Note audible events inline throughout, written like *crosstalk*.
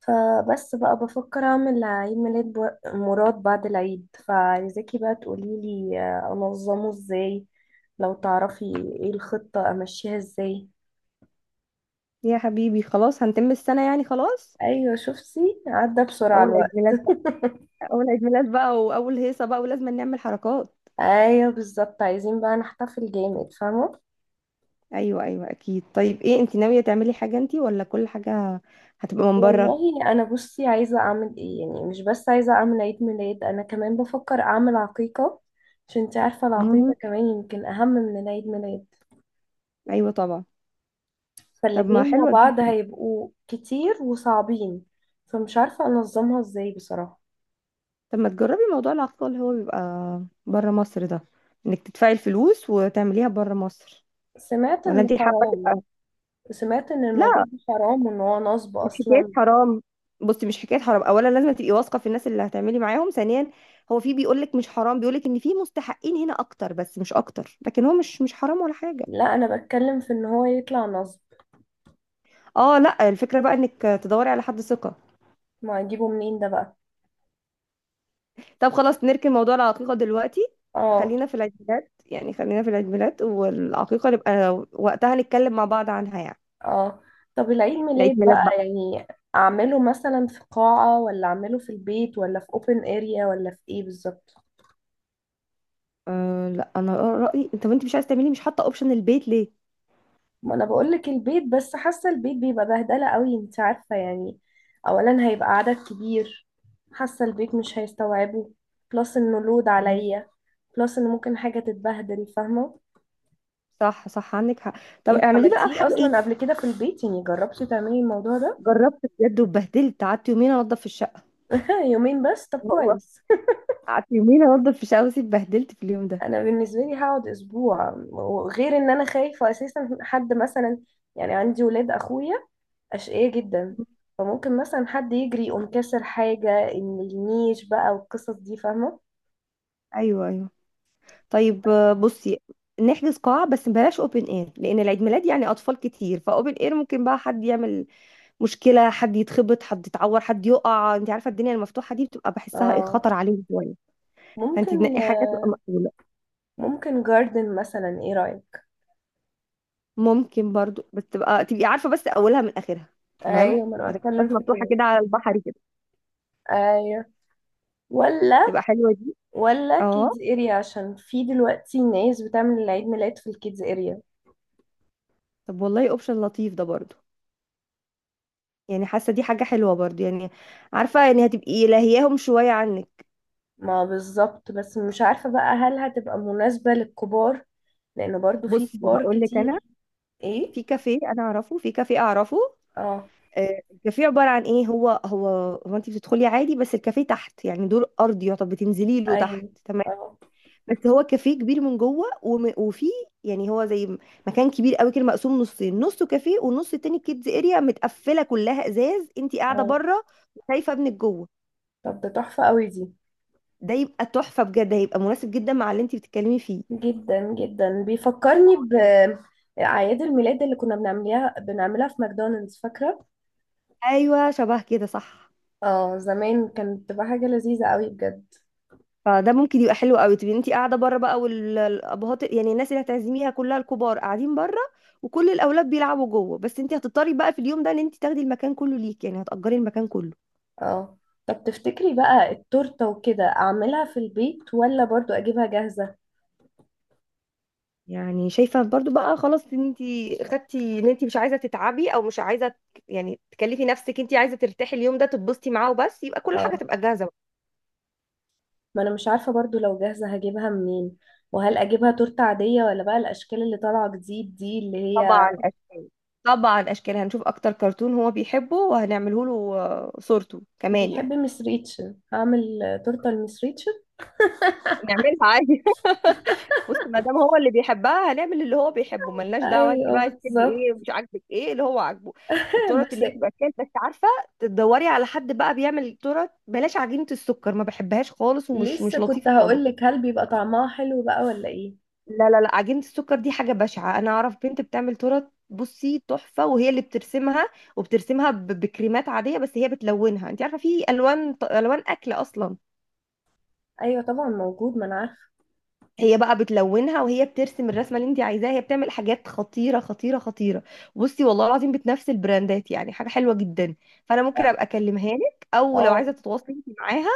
فبس بقى بفكر اعمل عيد ميلاد مراد بعد العيد. فعايزاكي بقى تقوليلي انظمه ازاي لو تعرفي. ايه الخطة امشيها ازاي. يا حبيبي خلاص هنتم السنة، يعني خلاص. ايوه، شفتي عدى بسرعة أول عيد الوقت. ميلاد بقى. أول عيد ميلاد بقى وأول هيصة بقى ولازم نعمل حركات. ايوه بالظبط، عايزين بقى نحتفل جامد، فاهمة. أيوة أيوة أكيد. طيب إيه، أنت ناوية تعملي حاجة أنت ولا كل حاجة هتبقى من بره؟ والله انا بصي عايزة اعمل ايه يعني، مش بس عايزة اعمل عيد ميلاد، انا كمان بفكر اعمل عقيقة. عشان انتي عارفة، العقيقة مم. كمان يمكن اهم من العيد ميلاد. أيوة طبعا. طب ما فالاتنين مع حلوة دي. بعض هيبقوا كتير وصعبين. فمش عارفة أنظمها ازاي بصراحة. طب ما تجربي موضوع العقد اللي هو بيبقى بره مصر ده، إنك تدفعي الفلوس وتعمليها بره مصر. سمعت ولا إنه أنت حابة حرام. تبقى؟ سمعت إن الموضوع لا، ده حرام وإن هو نصب مش حكايه أصلا. حرام. بصي، مش حكايه حرام، اولا لازم تبقي واثقه في الناس اللي هتعملي معاهم. ثانيا هو في بيقول لك مش حرام، بيقول لك ان في مستحقين هنا اكتر، بس مش اكتر، لكن هو مش حرام ولا حاجه. لا، أنا بتكلم في إن هو يطلع نصب. اه لا، الفكره بقى انك تدوري على حد ثقه. ما أجيبه منين ده بقى. طب خلاص نركن موضوع العقيقه دلوقتي، اه. خلينا في العيد ميلاد، يعني خلينا في العيد ميلاد، والعقيقه نبقى وقتها نتكلم مع بعض عنها يعني. اه. طب العيد العيد ميلاد ميلاد بقى بقى، يعني، أعمله مثلا في قاعة، ولا أعمله في البيت، ولا في open area، ولا في إيه بالظبط. أه لا، انا رايي انت، وانت مش عايز تعملي، مش حاطه اوبشن البيت ليه؟ ما انا بقول لك البيت، بس حاسه البيت بيبقى بهدله قوي، انت عارفه يعني. اولا هيبقى عدد كبير، حاسه البيت مش هيستوعبه. بلس انه لود مم. عليا. بلس ان ممكن حاجه تتبهدل، فاهمه. صح صح، عندك حق. طب انت اعمليه بقى عملتيه بحاجه اصلا إيه؟ قبل كده في البيت؟ يعني جربتي تعملي الموضوع ده؟ جربت بجد واتبهدلت، قعدت يومين انضف في الشقه. *laughs* يومين بس؟ طب والله كويس. قعدت يومين انضف في الشقه بس اتبهدلت في اليوم *laughs* ده. انا بالنسبه لي هقعد اسبوع. وغير ان انا خايفه اساسا حد مثلا، يعني عندي ولاد اخويا، أشقية جدا، فممكن مثلا حد يجري يقوم كسر حاجة، إن النيش بقى والقصص دي، فاهمة. ايوه ايوه. طيب بصي، نحجز قاعه بس بلاش اوبن اير، لان العيد ميلاد يعني اطفال كتير، فاوبن اير ممكن بقى حد يعمل مشكله، حد يتخبط، حد يتعور، حد يقع، انت عارفه الدنيا المفتوحه دي بتبقى بحسها ايه، اه، خطر عليهم شويه. فانت ممكن. تنقي حاجه تبقى مقبوله. ممكن جاردن مثلا، ايه رأيك. ممكن برضو، بس تبقى تبقي عارفه بس اولها من اخرها. تمام. ايوه، ما انا ما تبقاش بتكلم في مفتوحه كده. كده على البحر كده. ايوه. ولا. تبقى حلوه دي. ولا اه، كيدز اريا، عشان في دلوقتي ناس بتعمل العيد ميلاد في الكيدز اريا. طب والله اوبشن لطيف ده برضو، يعني حاسه دي حاجه حلوه برضو يعني، عارفه يعني هتبقي لاهياهم شويه عنك. ما بالظبط، بس مش عارفة بقى، هل هتبقى مناسبة للكبار؟ لأن برضو في بصي كبار هقول لك انا، كتير. ايه. في كافيه انا اعرفه، في كافيه اعرفه. اه. الكافيه عباره عن ايه، هو هو انت بتدخلي عادي، بس الكافيه تحت يعني دور ارضي يعتبر، بتنزلي له تحت. ايوه. تمام. اه. بس هو كافيه كبير من جوه، وفي يعني هو مكان كبير قوي كده، مقسوم نصين، نصه كافيه والنص التاني كيدز اريا، متقفله كلها ازاز، انت قاعده اه، بره وشايفه ابنك جوه. طب ده تحفة قوي دي. ده يبقى تحفة بجد، هيبقى مناسب جدا مع اللي انت بتتكلمي فيه. جدا جدا، بيفكرني يعني. بأعياد الميلاد اللي كنا بنعملها، بنعملها في ماكدونالدز، فاكرة؟ ايوه شبه كده، صح. اه زمان، كانت بتبقى حاجة لذيذة قوي بجد. فده ممكن يبقى حلو قوي، تبقي انت قاعده بره بقى والابهات، يعني الناس اللي هتعزميها كلها الكبار قاعدين بره، وكل الاولاد بيلعبوا جوه، بس انت هتضطري بقى في اليوم ده ان انت تاخدي المكان كله ليك، يعني هتأجري المكان كله. اه، طب تفتكري بقى التورتة وكده أعملها في البيت، ولا برضو أجيبها جاهزة؟ يعني شايفه برضو بقى خلاص، ان انت خدتي ان انت مش عايزه تتعبي، او مش عايزه يعني تكلفي نفسك، انت عايزه ترتاحي اليوم ده تتبسطي معاه وبس، يبقى كل حاجه اه، تبقى جاهزه. ما أنا مش عارفة برضو لو جاهزة هجيبها منين. وهل أجيبها تورتة عادية، ولا بقى الأشكال اللي طالعة جديد دي، اللي هي، طبعا اشكال. طبعا اشكال، هنشوف اكتر كرتون هو بيحبه وهنعمله له. صورته كمان يعني. بيحب مس ريتشن، هعمل تورتة لمس ريتشن. نعملها عادي. *laughs* بص، ما دام هو اللي بيحبها هنعمل اللي هو بيحبه، ملناش دعوه انت أيوه بقى تحبي بالظبط. ايه ومش عاجبك ايه، اللي هو عاجبه. *laughs* التورت بس اللي بتبقى كده بس عارفه، تدوري على حد بقى بيعمل تورت بلاش عجينه السكر، ما بحبهاش خالص، ومش لسه مش كنت لطيفه خالص. هقولك، هل بيبقى طعمها حلو بقى ولا ايه؟ لا، عجينة السكر دي حاجة بشعة. أنا أعرف بنت بتعمل تورت، بصي تحفة، وهي اللي بترسمها. بكريمات عادية، بس هي بتلونها، أنت عارفة في ألوان أكل أصلا. ايوه طبعا موجود، ما انا عارفه. هي بقى بتلونها وهي بترسم الرسمة اللي أنت عايزاها. هي بتعمل حاجات خطيرة خطيرة خطيرة. بصي والله العظيم بتنافس البراندات، يعني حاجة حلوة جدا. فأنا ممكن لا. أبقى أكلمها لك، أو لو عايزة اه. تتواصلي أنت معاها.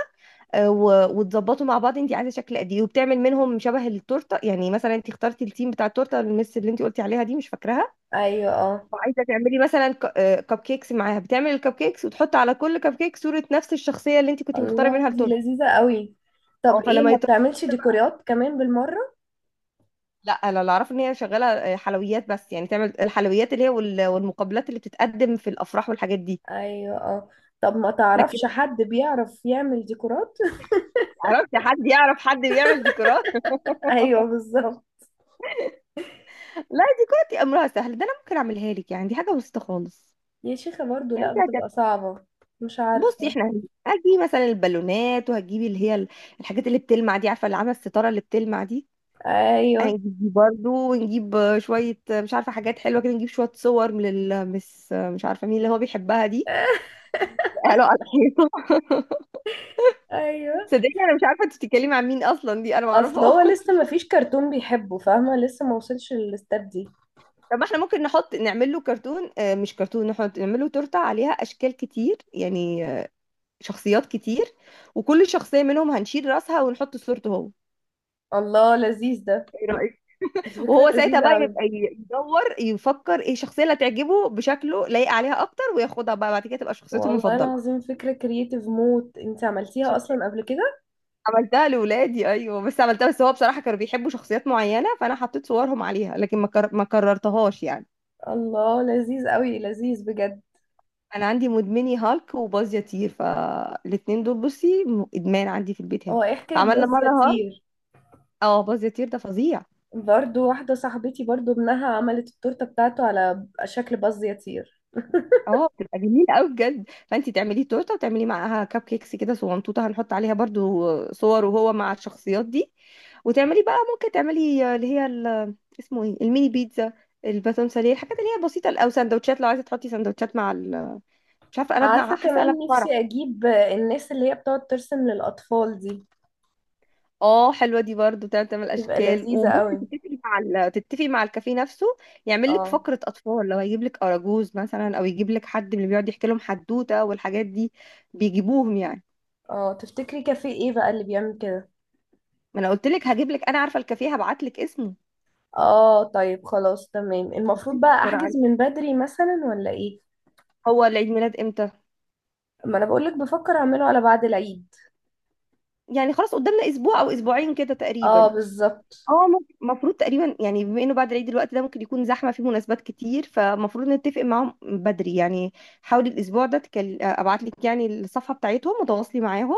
وتظبطوا مع بعض أنت عايزة شكل قد إيه، وبتعمل منهم شبه التورتة، يعني مثلا أنت اخترتي التيم بتاع التورتة، المس اللي أنت قلتي عليها دي مش فاكراها، ايوه، اه. وعايزه تعملي مثلا كب كيكس معاها، بتعمل الكب كيكس وتحط على كل كب كيك صوره نفس الشخصيه اللي انت كنت مختاره الله، منها دي التورته. لذيذه قوي. طب اه ايه فلما ما يطلع، بتعملش ديكورات كمان بالمره؟ لا انا اللي اعرفه ان هي شغاله حلويات بس، يعني تعمل الحلويات اللي هي والمقبلات اللي بتتقدم في الافراح والحاجات دي. ايوه، اه. طب ما لكن تعرفش حد بيعرف يعمل ديكورات؟ عرفتي حد يعرف حد بيعمل ديكورات؟ *laughs* *laughs* ايوه بالظبط. لا، ديكورات دي امرها سهل، ده انا ممكن اعملها لك، يعني دي حاجه بسيطه خالص. يا شيخه برضو يعني لا، انت هتعملي، بتبقى صعبه. مش بصي عارفه. احنا هتجيبي مثلا البالونات، وهتجيبي اللي هي الحاجات اللي بتلمع دي، عارفه اللي عامله الستاره اللي بتلمع دي. ايوه. هنجيب برضه، ونجيب شوية مش عارفة حاجات حلوة كده، نجيب شوية صور من المس مش عارفة مين اللي هو بيحبها دي. *laughs* *laughs* قالوا على الحيطة. *laughs* ايوه. صدقني أنا مش عارفة أنت بتتكلمي عن مين أصلا، دي أنا اصل هو معرفهاش. لسه *laughs* ما فيش كرتون بيحبه، فاهمه، لسه ما وصلش للاستاد دي. طب ما احنا ممكن نحط نعمل له كرتون، مش كرتون، نحط نعمل له تورتة عليها أشكال كتير، يعني شخصيات كتير، وكل شخصية منهم هنشيل راسها ونحط صورته هو. الله، لذيذ ده. ايه رأيك؟ دي فكره وهو ساعتها لذيذه بقى قوي. يبقى يدور يفكر ايه الشخصية اللي هتعجبه بشكله، لايق عليها أكتر وياخدها بقى، بعد كده تبقى شخصيته والله المفضلة. العظيم فكرة كرييتيف موت. انت عملتيها اصلا قبل كده؟ عملتها لولادي ايوه، بس عملتها، بس هو بصراحه كانوا بيحبوا شخصيات معينه، فانا حطيت صورهم عليها، لكن ما كررتهاش يعني. الله، لذيذ قوي، لذيذ بجد. انا عندي مدمني هالك وباز يطير، فالاتنين دول بصي ادمان عندي في البيت هنا. هو ايه حكاية فعملنا باز مره يا هالك. طير؟ اه باز يطير ده فظيع. برضو واحدة صاحبتي برضو ابنها عملت التورتة بتاعته على شكل باز يا طير. *laughs* اه بتبقى جميلة قوي بجد. فانت تعملي تورته، وتعملي معاها كب كيكس كده صغنطوطه، هنحط عليها برضو صور وهو مع الشخصيات دي. وتعملي بقى، ممكن تعملي اللي هي اسمه ايه، الميني بيتزا، الباتون ساليه، الحاجات اللي هي بسيطه، او سندوتشات لو عايزه تحطي سندوتشات مع ال... مش عارفه قلبنا، عارفة، حاسه قلب كمان فرح. نفسي اجيب الناس اللي هي بتقعد ترسم للاطفال دي. اه حلوه دي برضو، تعمل تعمل تبقى اشكال، لذيذة وممكن قوي. تتفقي مع ال... تتفقي مع الكافيه نفسه يعمل لك اه. فقره اطفال، لو هيجيب لك اراجوز مثلا، او يجيب لك حد من اللي بيقعد يحكي لهم حدوته والحاجات دي بيجيبوهم يعني. اه، تفتكري كافيه ايه بقى اللي بيعمل كده؟ ما انا قلت لك هجيب لك، انا عارفه الكافيه، هبعت لك اسمه. اه، طيب خلاص، تمام. المفروض بتنسي بقى بسرعه احجز عليه. من بدري مثلا، ولا ايه؟ هو العيد ميلاد امتى؟ ما انا بقولك بفكر اعمله على بعد العيد. يعني خلاص قدامنا اسبوع او اسبوعين كده اه تقريبا. بالظبط. اه ممكن، المفروض تقريبا، يعني بما انه بعد العيد الوقت ده ممكن يكون زحمه في مناسبات كتير، فمفروض نتفق معاهم بدري يعني. حاولي الاسبوع ده تكل... ابعت لك يعني الصفحه بتاعتهم، وتواصلي معاهم،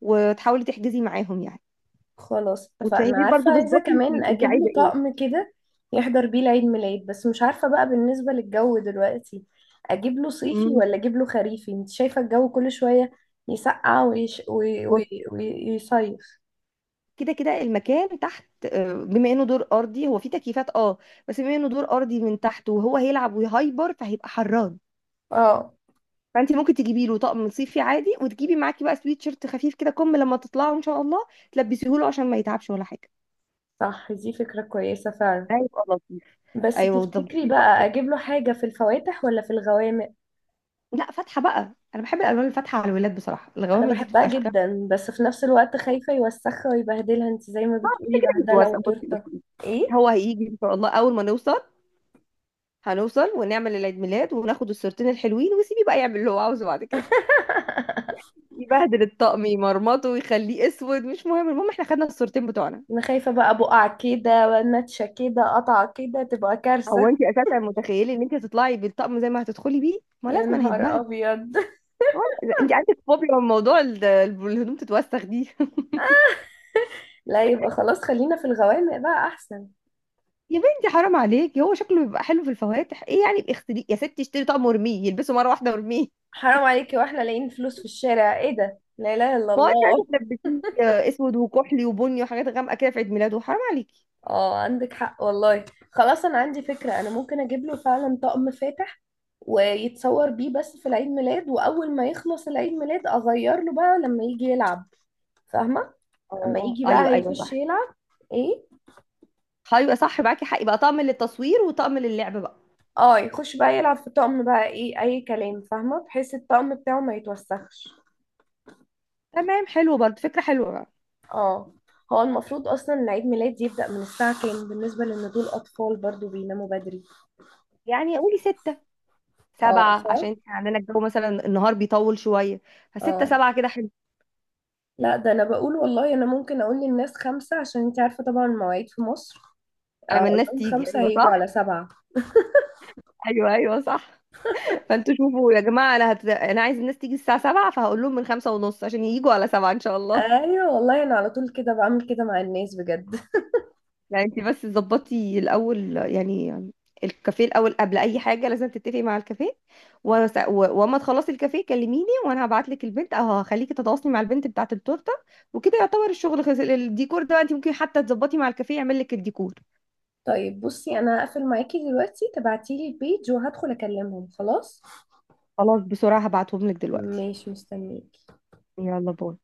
وتحاولي تحجزي معاهم يعني. خلاص اتفقنا. وتفهمي عارفة، برضو عايزة بالظبط كمان انت اجيب عايزه له ايه. طقم كده يحضر بيه العيد ميلاد، بس مش عارفة بقى بالنسبة للجو دلوقتي، اجيب له صيفي امم ولا اجيب له خريفي؟ انت شايفة الجو كل شوية يسقع ويش... وي... وي... وي... ويصيف. كده كده المكان تحت، بما انه دور ارضي هو فيه تكييفات، اه بس بما انه دور ارضي من تحت، وهو هيلعب ويهايبر فهيبقى حران. اه. فانت ممكن تجيبي له طقم صيفي عادي، وتجيبي معاكي بقى سويت شيرت خفيف كده، كم لما تطلعوا ان شاء الله تلبسيه له عشان ما يتعبش ولا حاجه. صح، دي فكرة كويسة فعلا. ده يبقى لطيف. بس ايوه تفتكري وتظبطي له بقى بقى كده. اجيب له حاجة في الفواتح ولا في الغوامق؟ لا فاتحه بقى، انا بحب الالوان الفاتحه على الولاد بصراحه، انا الغوامق دي بحبها بتبقى اشكال. جدا، بس في نفس الوقت خايفة يوسخها ويبهدلها. انت زي ما ما كده بتقولي، كده بهدلة هيتوسع، بصي. وتورتة. ايه. هو هيجي ان شاء الله، اول ما نوصل هنوصل ونعمل العيد ميلاد وناخد الصورتين الحلوين، وسيبيه بقى يعمل اللي هو عاوزه بعد كده. *laughs* يبهدل الطقم، يمرمطه ويخليه اسود، مش مهم، المهم احنا خدنا الصورتين بتوعنا. انا خايفة بقى بقع كده، نتشة كده، قطع كده، تبقى هو كارثة. انت اساسا متخيله ان انت هتطلعي بالطقم زي ما هتدخلي بيه؟ ما يا لازم انا نهار هيتبهدل. ابيض. *laughs* ولا انت عندك فوبيا من موضوع الهدوم تتوسخ دي؟ *laughs* لا، يبقى خلاص خلينا في الغوامق بقى احسن. يا بنتي حرام عليك، هو شكله بيبقى حلو في الفواتح، ايه يعني اغسليه يا ستي، اشتري طقم وارميه يلبسه مره واحده وارميه. حرام عليكي، واحنا لاقيين فلوس في الشارع؟ ايه ده، لا اله الا ما هو انت الله. عايزه تلبسيه اسود وكحلي وبني وحاجات غامقه كده في عيد ميلاده، حرام عليكي. اه، عندك حق والله. خلاص، انا عندي فكرة. انا ممكن اجيب له فعلا طقم فاتح ويتصور بيه بس في العيد ميلاد، واول ما يخلص العيد ميلاد اغير له بقى لما يجي يلعب، فاهمة؟ اما اه يجي بقى ايوه ايوه هيخش صح. يلعب، ايه. ايوه صح، معاكي حق، يبقى طقم للتصوير وطقم للعب بقى. اه، يخش بقى يلعب في الطقم بقى ايه اي كلام، فاهمه، بحيث الطقم بتاعه ما يتوسخش. تمام، حلو برضه، فكره حلوه. اه. هو المفروض اصلا إن عيد ميلاد يبدأ من الساعه كام؟ بالنسبه لان دول اطفال برضو بيناموا بدري. يعني قولي ستة اه، سبعة، عشان فاهم. احنا عندنا الجو مثلا النهار بيطول شوية، فستة اه سبعة كده حلو. لا، ده انا بقول والله، انا ممكن اقول للناس 5 عشان انت عارفه طبعا المواعيد في مصر. على اه، ما اقول الناس لهم تيجي، 5 ايوه هيجوا صح، على 7. ايوه ايوه صح. *laughs* فانتوا شوفوا يا جماعة، انا عايز الناس تيجي الساعة سبعة، فهقول لهم من خمسة ونص عشان ييجوا على سبعة ان شاء الله. ايوه والله، انا على طول كده بعمل كده مع الناس بجد. *laughs* يعني انت بس ظبطي الاول يعني، الكافيه الاول، قبل اي حاجة لازم تتفقي مع الكافيه. وس... و... واما تخلصي الكافيه كلميني، وانا هبعت لك البنت، او هخليكي تتواصلي مع البنت بتاعة التورتة. وكده يعتبر الشغل خلص. الديكور ده انت ممكن حتى تظبطي مع الكافيه يعمل لك الديكور. طيب بصي، انا هقفل معاكي دلوقتي، تبعتيلي البيج وهدخل اكلمهم، خلاص. خلاص بسرعة هبعتهم لك دلوقتي. ماشي، مستنيك. يلا باي.